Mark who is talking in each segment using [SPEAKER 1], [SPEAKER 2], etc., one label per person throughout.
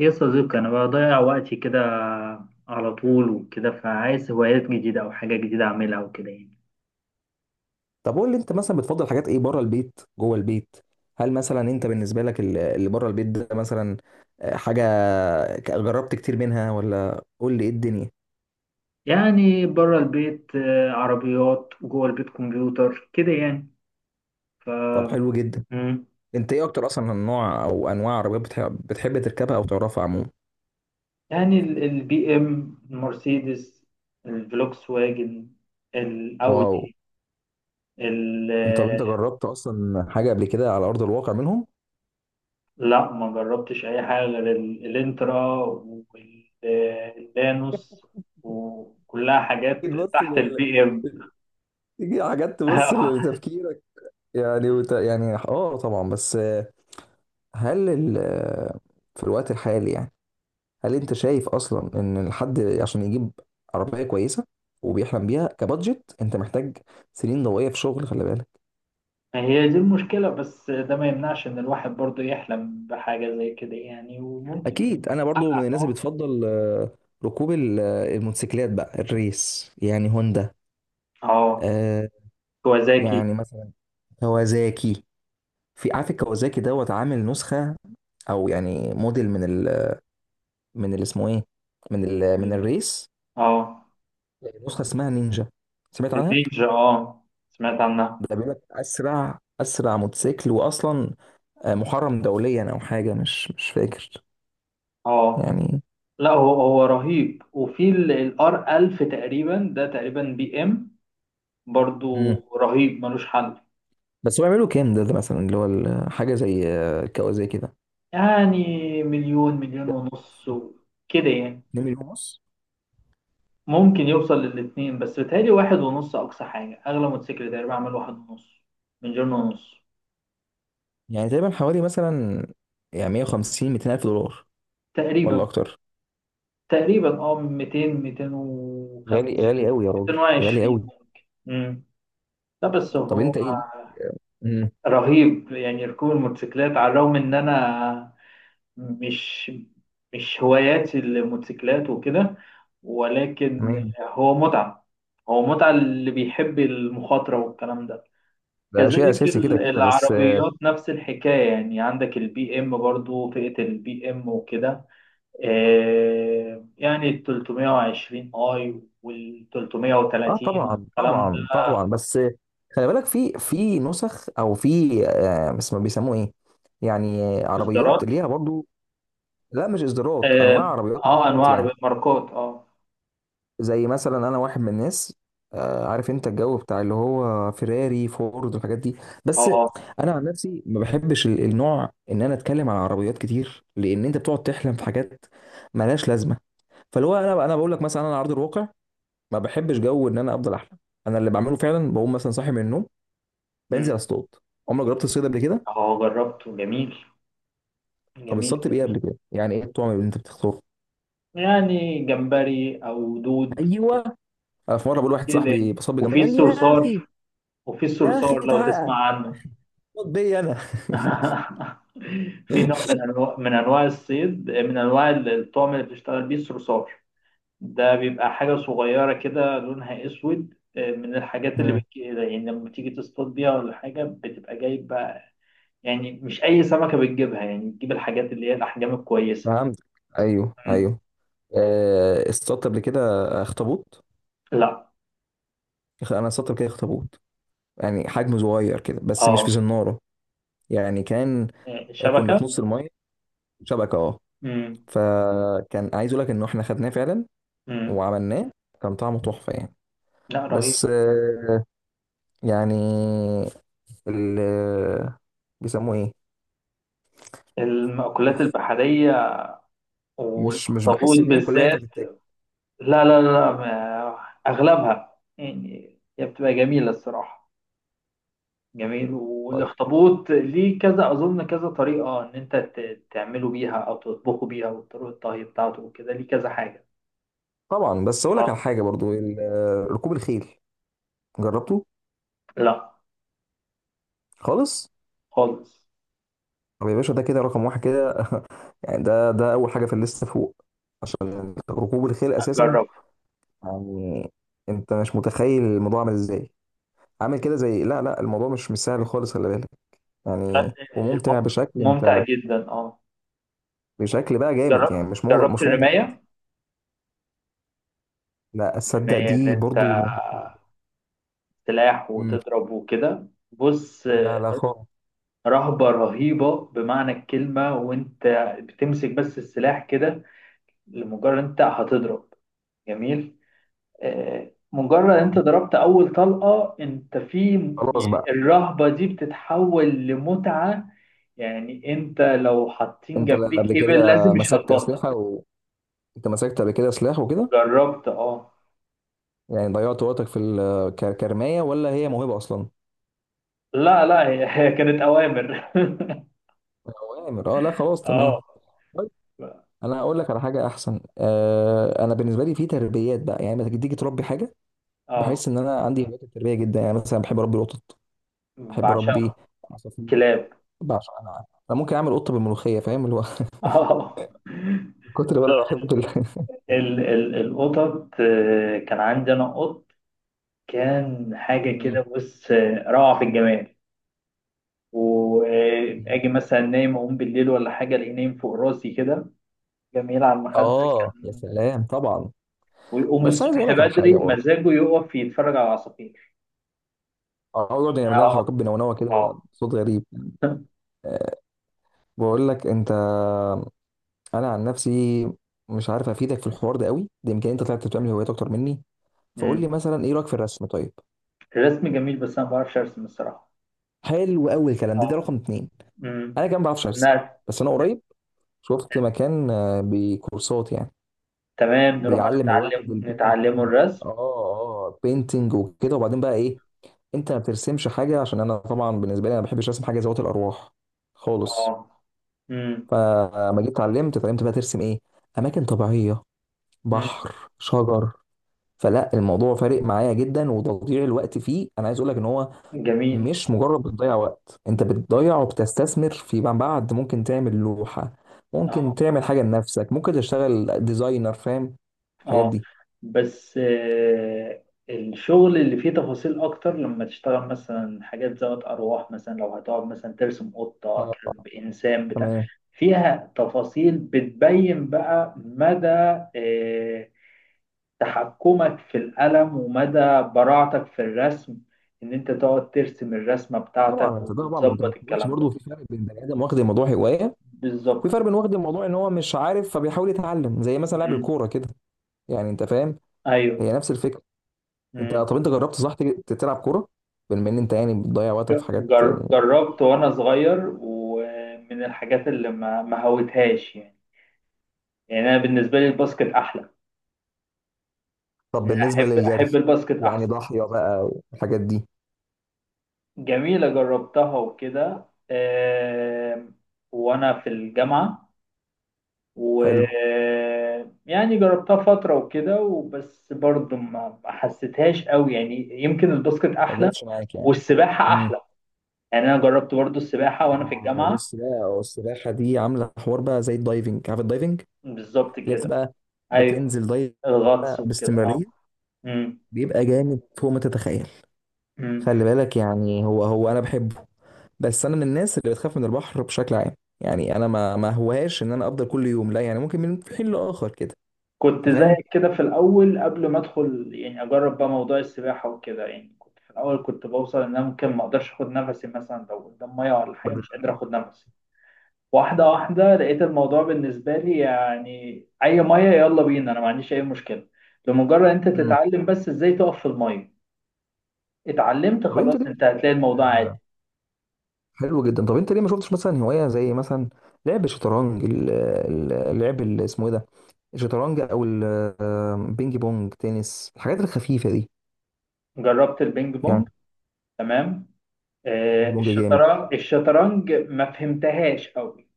[SPEAKER 1] يا صديقي أنا بضيع وقتي كده على طول وكده فعايز هوايات جديدة أو حاجة جديدة أعملها وكده يعني
[SPEAKER 2] طب قول لي انت مثلا بتفضل حاجات ايه بره البيت، جوه البيت؟ هل مثلا انت بالنسبه لك اللي بره البيت ده مثلا، حاجه جربت كتير منها، ولا قول لي ايه الدنيا؟
[SPEAKER 1] يعني بره البيت عربيات جوه البيت كمبيوتر كده يعني. ف
[SPEAKER 2] طب حلو جدا.
[SPEAKER 1] مم.
[SPEAKER 2] انت ايه اكتر اصلا النوع او انواع عربيات بتحب تركبها او تعرفها عموما؟
[SPEAKER 1] يعني البي إم، المرسيدس، الفلوكس واجن،
[SPEAKER 2] واو.
[SPEAKER 1] الأودي. ال-
[SPEAKER 2] انت
[SPEAKER 1] آه،
[SPEAKER 2] طب انت جربت اصلا حاجه قبل كده على ارض الواقع منهم؟
[SPEAKER 1] لا، ما جربتش أي حاجة غير الإنترا واللانوس، وكلها حاجات
[SPEAKER 2] تيجي تبص
[SPEAKER 1] تحت
[SPEAKER 2] لل...
[SPEAKER 1] البي إم.
[SPEAKER 2] تيجي حاجات تبص لتفكيرك؟ يعني يعني اه طبعا، بس هل ال... آه، في الوقت الحالي يعني، هل انت شايف اصلا ان الحد عشان يجيب عربيه كويسه وبيحلم بيها كبادجت انت محتاج سنين ضوئيه في شغل، خلي بالك.
[SPEAKER 1] ما هي دي المشكلة، بس ده ما يمنعش إن الواحد برضه يحلم بحاجة زي كده يعني، وممكن.
[SPEAKER 2] اكيد انا برضو من الناس اللي
[SPEAKER 1] اه.
[SPEAKER 2] بتفضل ركوب الموتوسيكلات بقى الريس، يعني هوندا،
[SPEAKER 1] اه.
[SPEAKER 2] آه،
[SPEAKER 1] كوازاكي.
[SPEAKER 2] يعني مثلا كوازاكي. في، عارف، الكوازاكي دوت عامل نسخه، او يعني موديل من ال من اللي اسمه ايه من ال من
[SPEAKER 1] ال-
[SPEAKER 2] الريس،
[SPEAKER 1] اه
[SPEAKER 2] نسخه اسمها نينجا، سمعت عنها؟
[SPEAKER 1] النينجا، اه، سمعت عنها.
[SPEAKER 2] ده بيقول لك اسرع اسرع موتوسيكل، واصلا محرم دوليا او حاجه، مش فاكر
[SPEAKER 1] اه.
[SPEAKER 2] يعني.
[SPEAKER 1] لا، هو رهيب. وفي الار 1000 تقريبا، ده تقريبا بي ام برضه.
[SPEAKER 2] مم.
[SPEAKER 1] رهيب، ملوش حل.
[SPEAKER 2] بس هو يعملوا كام ده، ده مثلا اللي هو حاجه زي كوازاكي ده؟
[SPEAKER 1] يعني مليون، مليون ونص كده يعني.
[SPEAKER 2] 2 مليون ونص؟
[SPEAKER 1] ممكن يوصل للاتنين، بس بيتهيألي واحد ونص أقصى حاجة. أغلى موتوسيكل تقريبا عمل واحد ونص، مليون ونص
[SPEAKER 2] يعني تقريبا حوالي مثلا يعني 150 200 الف دولار، ولا
[SPEAKER 1] تقريبا.
[SPEAKER 2] اكتر؟
[SPEAKER 1] تقريبا اه 200،
[SPEAKER 2] غالي،
[SPEAKER 1] 205،
[SPEAKER 2] غالي قوي يا راجل، غالي
[SPEAKER 1] 220
[SPEAKER 2] قوي.
[SPEAKER 1] ممكن. امم لا، بس
[SPEAKER 2] طب
[SPEAKER 1] هو
[SPEAKER 2] انت ايه دي؟ مم.
[SPEAKER 1] رهيب. يعني ركوب الموتوسيكلات، على الرغم ان انا مش مش هواياتي الموتوسيكلات وكده، ولكن
[SPEAKER 2] تمام.
[SPEAKER 1] هو متعة. هو متعة اللي بيحب المخاطرة والكلام ده.
[SPEAKER 2] ده شيء
[SPEAKER 1] كذلك
[SPEAKER 2] اساسي كده كده، بس اه
[SPEAKER 1] العربيات نفس الحكاية، يعني عندك البي ام برضو، فئة البي ام وكده، يعني ال 320 اي وال 330
[SPEAKER 2] طبعا
[SPEAKER 1] والكلام ده.
[SPEAKER 2] طبعا طبعا. بس خلي بالك في نسخ، او في آه بس ما بيسموه ايه يعني، عربيات
[SPEAKER 1] اصدارات.
[SPEAKER 2] ليها برضو. لا، مش اصدارات،
[SPEAKER 1] اه.
[SPEAKER 2] انواع عربيات، ماركات
[SPEAKER 1] انواع
[SPEAKER 2] يعني.
[SPEAKER 1] عربيات، ماركات. اه.
[SPEAKER 2] زي مثلا، انا واحد من الناس عارف انت الجو بتاع اللي هو فيراري فورد والحاجات دي. بس
[SPEAKER 1] اه.
[SPEAKER 2] انا عن نفسي ما بحبش النوع ان انا اتكلم على عربيات كتير، لان انت بتقعد تحلم في حاجات ملهاش لازمه. فاللي هو انا بقول لك مثلا، انا على ارض الواقع ما بحبش جو ان انا افضل احلم. انا اللي بعمله فعلا، بقوم مثلا صاحي من النوم،
[SPEAKER 1] مم.
[SPEAKER 2] بنزل اصطاد. عمرك جربت الصيد قبل كده؟
[SPEAKER 1] اه، جربته، جميل
[SPEAKER 2] طب
[SPEAKER 1] جميل
[SPEAKER 2] اصطدت بايه
[SPEAKER 1] جميل.
[SPEAKER 2] قبل كده؟ يعني ايه الطعم اللي انت بتختاره؟
[SPEAKER 1] يعني جمبري او دود
[SPEAKER 2] ايوه. أنا في مره بقول لواحد
[SPEAKER 1] كده.
[SPEAKER 2] صاحبي بصاب بجمال،
[SPEAKER 1] وفي
[SPEAKER 2] قال لي يا اخي،
[SPEAKER 1] الصرصار.
[SPEAKER 2] يا اخي
[SPEAKER 1] لو
[SPEAKER 2] تعال
[SPEAKER 1] تسمع عنه.
[SPEAKER 2] اصطاد بيا انا.
[SPEAKER 1] في نوع من انواع من انواع الصيد، من انواع الطعم اللي بتشتغل بيه الصرصار. ده بيبقى حاجة صغيرة كده لونها أسود، من الحاجات اللي
[SPEAKER 2] مم.
[SPEAKER 1] بتجي يعني لما تيجي تصطاد بيها، ولا حاجة بتبقى جايب بقى، يعني مش أي سمكة بتجيبها، يعني بتجيب الحاجات اللي هي الأحجام الكويسة.
[SPEAKER 2] فهمت. ايوه
[SPEAKER 1] مم.
[SPEAKER 2] ايوه. اصطادت قبل كده اخطبوط؟
[SPEAKER 1] لا.
[SPEAKER 2] انا اصطادت قبل كده اخطبوط، يعني حجمه صغير كده، بس مش
[SPEAKER 1] اه.
[SPEAKER 2] في زناره، يعني كان، كنا
[SPEAKER 1] شبكة.
[SPEAKER 2] في نص الميه، شبكه اه.
[SPEAKER 1] مم.
[SPEAKER 2] فكان عايز اقول لك ان احنا خدناه فعلا
[SPEAKER 1] مم.
[SPEAKER 2] وعملناه، كان طعمه تحفه يعني.
[SPEAKER 1] لا،
[SPEAKER 2] بس
[SPEAKER 1] رهيب.
[SPEAKER 2] يعني ال بيسموه ايه،
[SPEAKER 1] المأكولات البحرية
[SPEAKER 2] مش
[SPEAKER 1] والأخطبوط
[SPEAKER 2] بحس ان هي كلها ينفع
[SPEAKER 1] بالذات.
[SPEAKER 2] تتاكل.
[SPEAKER 1] لا لا لا، أغلبها يعني هي بتبقى جميلة الصراحة، جميل.
[SPEAKER 2] طيب.
[SPEAKER 1] والاخطبوط ليه كذا، اظن كذا طريقه ان انت تعمله بيها او تطبخه بيها، وطرق الطهي بتاعته وكده ليه كذا حاجه.
[SPEAKER 2] طبعا، بس اقول لك على
[SPEAKER 1] اه.
[SPEAKER 2] حاجه برضو، ركوب الخيل، جربته؟
[SPEAKER 1] لا،
[SPEAKER 2] خالص؟
[SPEAKER 1] خالص.
[SPEAKER 2] طب يا باشا ده كده رقم واحد كده، يعني ده اول حاجه في الليسته فوق، عشان ركوب الخيل اساسا
[SPEAKER 1] جرب.
[SPEAKER 2] يعني. انت مش متخيل الموضوع عامل ازاي، عامل كده زي، لا لا، الموضوع مش سهل خالص، خلي بالك. يعني وممتع بشكل،
[SPEAKER 1] ممتع
[SPEAKER 2] انت
[SPEAKER 1] جدا، اه.
[SPEAKER 2] بشكل بقى جامد
[SPEAKER 1] جربت
[SPEAKER 2] يعني، مش ممتع عادي.
[SPEAKER 1] الرمايه.
[SPEAKER 2] لا اصدق
[SPEAKER 1] الرمايه ان
[SPEAKER 2] دي برضو
[SPEAKER 1] انت سلاح
[SPEAKER 2] مم.
[SPEAKER 1] وتضرب وكده، بص.
[SPEAKER 2] لا لا خالص.
[SPEAKER 1] رهبه رهيبه بمعنى الكلمه. وانت بتمسك بس السلاح كده، لمجرد انت هتضرب، جميل. مجرد انت ضربت اول طلقة انت في،
[SPEAKER 2] خلاص
[SPEAKER 1] يعني
[SPEAKER 2] بقى.
[SPEAKER 1] الرهبة دي بتتحول لمتعة. يعني انت لو حاطين
[SPEAKER 2] انت لا
[SPEAKER 1] جنبيك
[SPEAKER 2] قبل كده
[SPEAKER 1] ابل لازم، مش
[SPEAKER 2] مسكت
[SPEAKER 1] هتبطل.
[SPEAKER 2] اسلحه انت مسكت قبل كده سلاح وكده،
[SPEAKER 1] جربت. اه.
[SPEAKER 2] يعني ضيعت وقتك في كرمايه، ولا هي موهبه اصلا؟
[SPEAKER 1] لا لا، هي هي كانت اوامر.
[SPEAKER 2] اوامر اه، لا خلاص
[SPEAKER 1] اه.
[SPEAKER 2] تمام. طيب. انا هقول لك على حاجه احسن، آه انا بالنسبه لي في تربيات بقى، يعني لما تيجي تربي حاجه،
[SPEAKER 1] اه،
[SPEAKER 2] بحس ان انا عندي هوايات التربيه جدا. يعني مثلا بحب اربي القطط، بحب اربي
[SPEAKER 1] بعشقه.
[SPEAKER 2] عصافير.
[SPEAKER 1] كلاب.
[SPEAKER 2] بعشق انا، انا ممكن اعمل قطه بالملوخيه، فاهم اللي هو؟
[SPEAKER 1] اه،
[SPEAKER 2] من كتر ما انا بحب
[SPEAKER 1] ال القطط، كان عندي انا قط، كان حاجة كده بص، روعة في الجمال.
[SPEAKER 2] مم.
[SPEAKER 1] واجي مثلا نايم اقوم بالليل، ولا حاجه الاقيه نايم فوق راسي كده، جميل، على المخده
[SPEAKER 2] اه يا
[SPEAKER 1] كان.
[SPEAKER 2] سلام طبعا.
[SPEAKER 1] ويقوم
[SPEAKER 2] بس عايز اقول
[SPEAKER 1] الصبح
[SPEAKER 2] لك على
[SPEAKER 1] بدري
[SPEAKER 2] حاجه برضه،
[SPEAKER 1] مزاجه يقف يتفرج على العصافير.
[SPEAKER 2] اقعد يعمل لها
[SPEAKER 1] اه.
[SPEAKER 2] حركات بنونوه
[SPEAKER 1] اه.
[SPEAKER 2] كده بصوت غريب. أه. بقول لك انت، انا عن نفسي مش عارف افيدك في الحوار ده قوي، ده يمكن انت طلعت بتعمل هوايات اكتر مني. فقول
[SPEAKER 1] أمم.
[SPEAKER 2] لي مثلا ايه رايك في الرسم؟ طيب
[SPEAKER 1] الرسم جميل، بس انا ما بعرفش ارسم الصراحه.
[SPEAKER 2] حلو قوي الكلام ده، ده
[SPEAKER 1] اه.
[SPEAKER 2] رقم اتنين.
[SPEAKER 1] أمم.
[SPEAKER 2] انا كمان ما بعرفش ارسم،
[SPEAKER 1] نعم.
[SPEAKER 2] بس انا قريب شفت مكان بكورسات يعني،
[SPEAKER 1] تمام، نروح
[SPEAKER 2] بيعلم
[SPEAKER 1] نتعلم،
[SPEAKER 2] الواحد البينتنج.
[SPEAKER 1] نتعلمه الرسم.
[SPEAKER 2] اه اه، بينتنج وكده، وبعدين بقى ايه؟ انت ما بترسمش حاجه؟ عشان انا طبعا بالنسبه لي، انا ما بحبش ارسم حاجه ذوات الارواح خالص.
[SPEAKER 1] اه. أمم.
[SPEAKER 2] فما جيت اتعلمت بقى ترسم ايه؟ اماكن طبيعيه،
[SPEAKER 1] أمم.
[SPEAKER 2] بحر، شجر. فلا الموضوع فارق معايا جدا، وتضييع الوقت فيه، انا عايز اقول لك ان هو
[SPEAKER 1] جميل.
[SPEAKER 2] مش مجرد بتضيع وقت، انت بتضيع وبتستثمر فيما بعد. ممكن تعمل لوحة، ممكن
[SPEAKER 1] اه.
[SPEAKER 2] تعمل حاجة لنفسك، ممكن تشتغل ديزاينر، فاهم الحاجات
[SPEAKER 1] اه.
[SPEAKER 2] دي؟
[SPEAKER 1] بس الشغل اللي فيه تفاصيل اكتر، لما تشتغل مثلا حاجات ذات ارواح، مثلا لو هتقعد مثلا ترسم قطة،
[SPEAKER 2] اه
[SPEAKER 1] كلب، انسان، بتاع،
[SPEAKER 2] تمام.
[SPEAKER 1] فيها تفاصيل بتبين بقى مدى آه، تحكمك في القلم، ومدى براعتك في الرسم، ان انت تقعد ترسم الرسمة بتاعتك
[SPEAKER 2] طبعا انت طبعا، ما انت ما
[SPEAKER 1] وتظبط
[SPEAKER 2] تقولش
[SPEAKER 1] الكلام ده.
[SPEAKER 2] برضه، في فرق بين بني ادم واخد الموضوع هوايه، وفي فرق
[SPEAKER 1] بالظبط.
[SPEAKER 2] بين واخد الموضوع ان هو مش عارف فبيحاول يتعلم، زي مثلا لاعب
[SPEAKER 1] مم.
[SPEAKER 2] الكوره كده. يعني انت فاهم،
[SPEAKER 1] ايوه،
[SPEAKER 2] هي نفس الفكره. انت طب انت جربت صح تلعب كوره بما ان انت يعني بتضيع وقتك في حاجات؟
[SPEAKER 1] جربت وانا صغير، ومن الحاجات اللي ما هوتهاش يعني. يعني انا بالنسبه لي الباسكت احلى،
[SPEAKER 2] طب
[SPEAKER 1] يعني
[SPEAKER 2] بالنسبة
[SPEAKER 1] احب
[SPEAKER 2] للجري
[SPEAKER 1] احب الباسكت
[SPEAKER 2] يعني،
[SPEAKER 1] احسن.
[SPEAKER 2] ضاحية بقى والحاجات دي؟
[SPEAKER 1] جميله، جربتها وكده، آم، وانا في الجامعه، و
[SPEAKER 2] حلو.
[SPEAKER 1] يعني جربتها فتره وكده، وبس برضه ما حسيتهاش قوي، يعني يمكن الباسكت
[SPEAKER 2] ما
[SPEAKER 1] احلى،
[SPEAKER 2] جاتش معاك يعني؟
[SPEAKER 1] والسباحه
[SPEAKER 2] امم.
[SPEAKER 1] احلى. يعني انا جربت برضه السباحه وانا في
[SPEAKER 2] اه،
[SPEAKER 1] الجامعه.
[SPEAKER 2] بص بقى، السباحة دي عاملة حوار بقى زي الدايفنج، عارف الدايفنج
[SPEAKER 1] بالظبط
[SPEAKER 2] اللي هي
[SPEAKER 1] كده.
[SPEAKER 2] بتبقى
[SPEAKER 1] ايوه،
[SPEAKER 2] بتنزل دايف
[SPEAKER 1] الغطس
[SPEAKER 2] بقى
[SPEAKER 1] وكده. اه.
[SPEAKER 2] باستمرارية؟ بيبقى جامد فوق ما تتخيل،
[SPEAKER 1] مم.
[SPEAKER 2] خلي بالك. يعني هو انا بحبه، بس انا من الناس اللي بتخاف من البحر بشكل عام. يعني انا ما هوهاش ان انا افضل كل يوم، لا، يعني ممكن من حين لاخر كده.
[SPEAKER 1] كنت
[SPEAKER 2] انت فاهم؟
[SPEAKER 1] زيك كده في الأول، قبل ما أدخل يعني أجرب بقى موضوع السباحة وكده. يعني كنت في الأول كنت بوصل إن أنا ممكن ما أقدرش أخد نفسي، مثلا لو قدام مية ولا حاجة مش
[SPEAKER 2] بدل-
[SPEAKER 1] قادر أخد نفسي. واحدة واحدة لقيت الموضوع بالنسبة لي يعني أي مية يلا بينا، أنا ما عنديش أي مشكلة. لمجرد أنت
[SPEAKER 2] مم.
[SPEAKER 1] تتعلم بس إزاي تقف في المية، اتعلمت
[SPEAKER 2] طب انت
[SPEAKER 1] خلاص، أنت
[SPEAKER 2] ليه،
[SPEAKER 1] هتلاقي الموضوع عادي.
[SPEAKER 2] حلو جدا، طب انت ليه ما شفتش مثلا هوايه زي مثلا لعب الشطرنج، اللعب اللي اسمه ايه ده، الشطرنج او البينج بونج تنس، الحاجات الخفيفه دي
[SPEAKER 1] جربت البينج بونج،
[SPEAKER 2] يعني؟
[SPEAKER 1] تمام.
[SPEAKER 2] بينج بونج جامد.
[SPEAKER 1] الشطرنج، ما فهمتهاش أوي.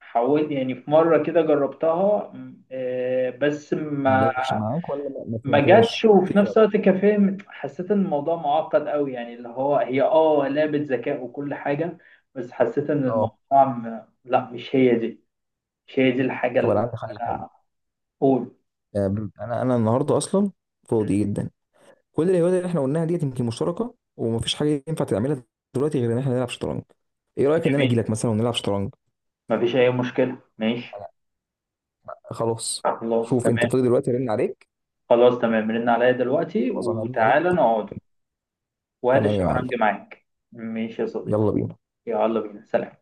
[SPEAKER 1] حاولت يعني في مرة كده، جربتها بس
[SPEAKER 2] ما
[SPEAKER 1] ما
[SPEAKER 2] جابش معاك، ولا ما
[SPEAKER 1] ما جاتش.
[SPEAKER 2] فهمتهاش؟
[SPEAKER 1] وفي
[SPEAKER 2] في
[SPEAKER 1] نفس
[SPEAKER 2] فرق.
[SPEAKER 1] الوقت كفاهم حسيت ان الموضوع معقد قوي، يعني اللي هو هي، اه، لعبة ذكاء وكل حاجة. بس حسيت ان
[SPEAKER 2] اه.
[SPEAKER 1] الموضوع لا، مش هي دي الحاجة
[SPEAKER 2] طب انا
[SPEAKER 1] اللي
[SPEAKER 2] عندي حل حلو،
[SPEAKER 1] انا اقول.
[SPEAKER 2] آه، انا النهارده اصلا فاضي جدا. كل الهوايات اللي احنا قلناها ديت يمكن مشتركه، ومفيش حاجه ينفع تعملها دلوقتي غير ان احنا نلعب شطرنج. ايه رايك ان انا
[SPEAKER 1] جميل،
[SPEAKER 2] اجي لك مثلا ونلعب شطرنج؟
[SPEAKER 1] مفيش اي مشكلة، ماشي.
[SPEAKER 2] خلاص.
[SPEAKER 1] خلاص
[SPEAKER 2] شوف انت
[SPEAKER 1] تمام.
[SPEAKER 2] فاضي دلوقتي رن عليك.
[SPEAKER 1] خلاص تمام، رن عليا دلوقتي
[SPEAKER 2] خلاص انا هرن عليك.
[SPEAKER 1] وتعالى نقعد. وهات
[SPEAKER 2] تمام يا معلم.
[SPEAKER 1] الشطرنج معاك. ماشي يا صديقي.
[SPEAKER 2] يلا بينا.
[SPEAKER 1] يلا بينا، سلام.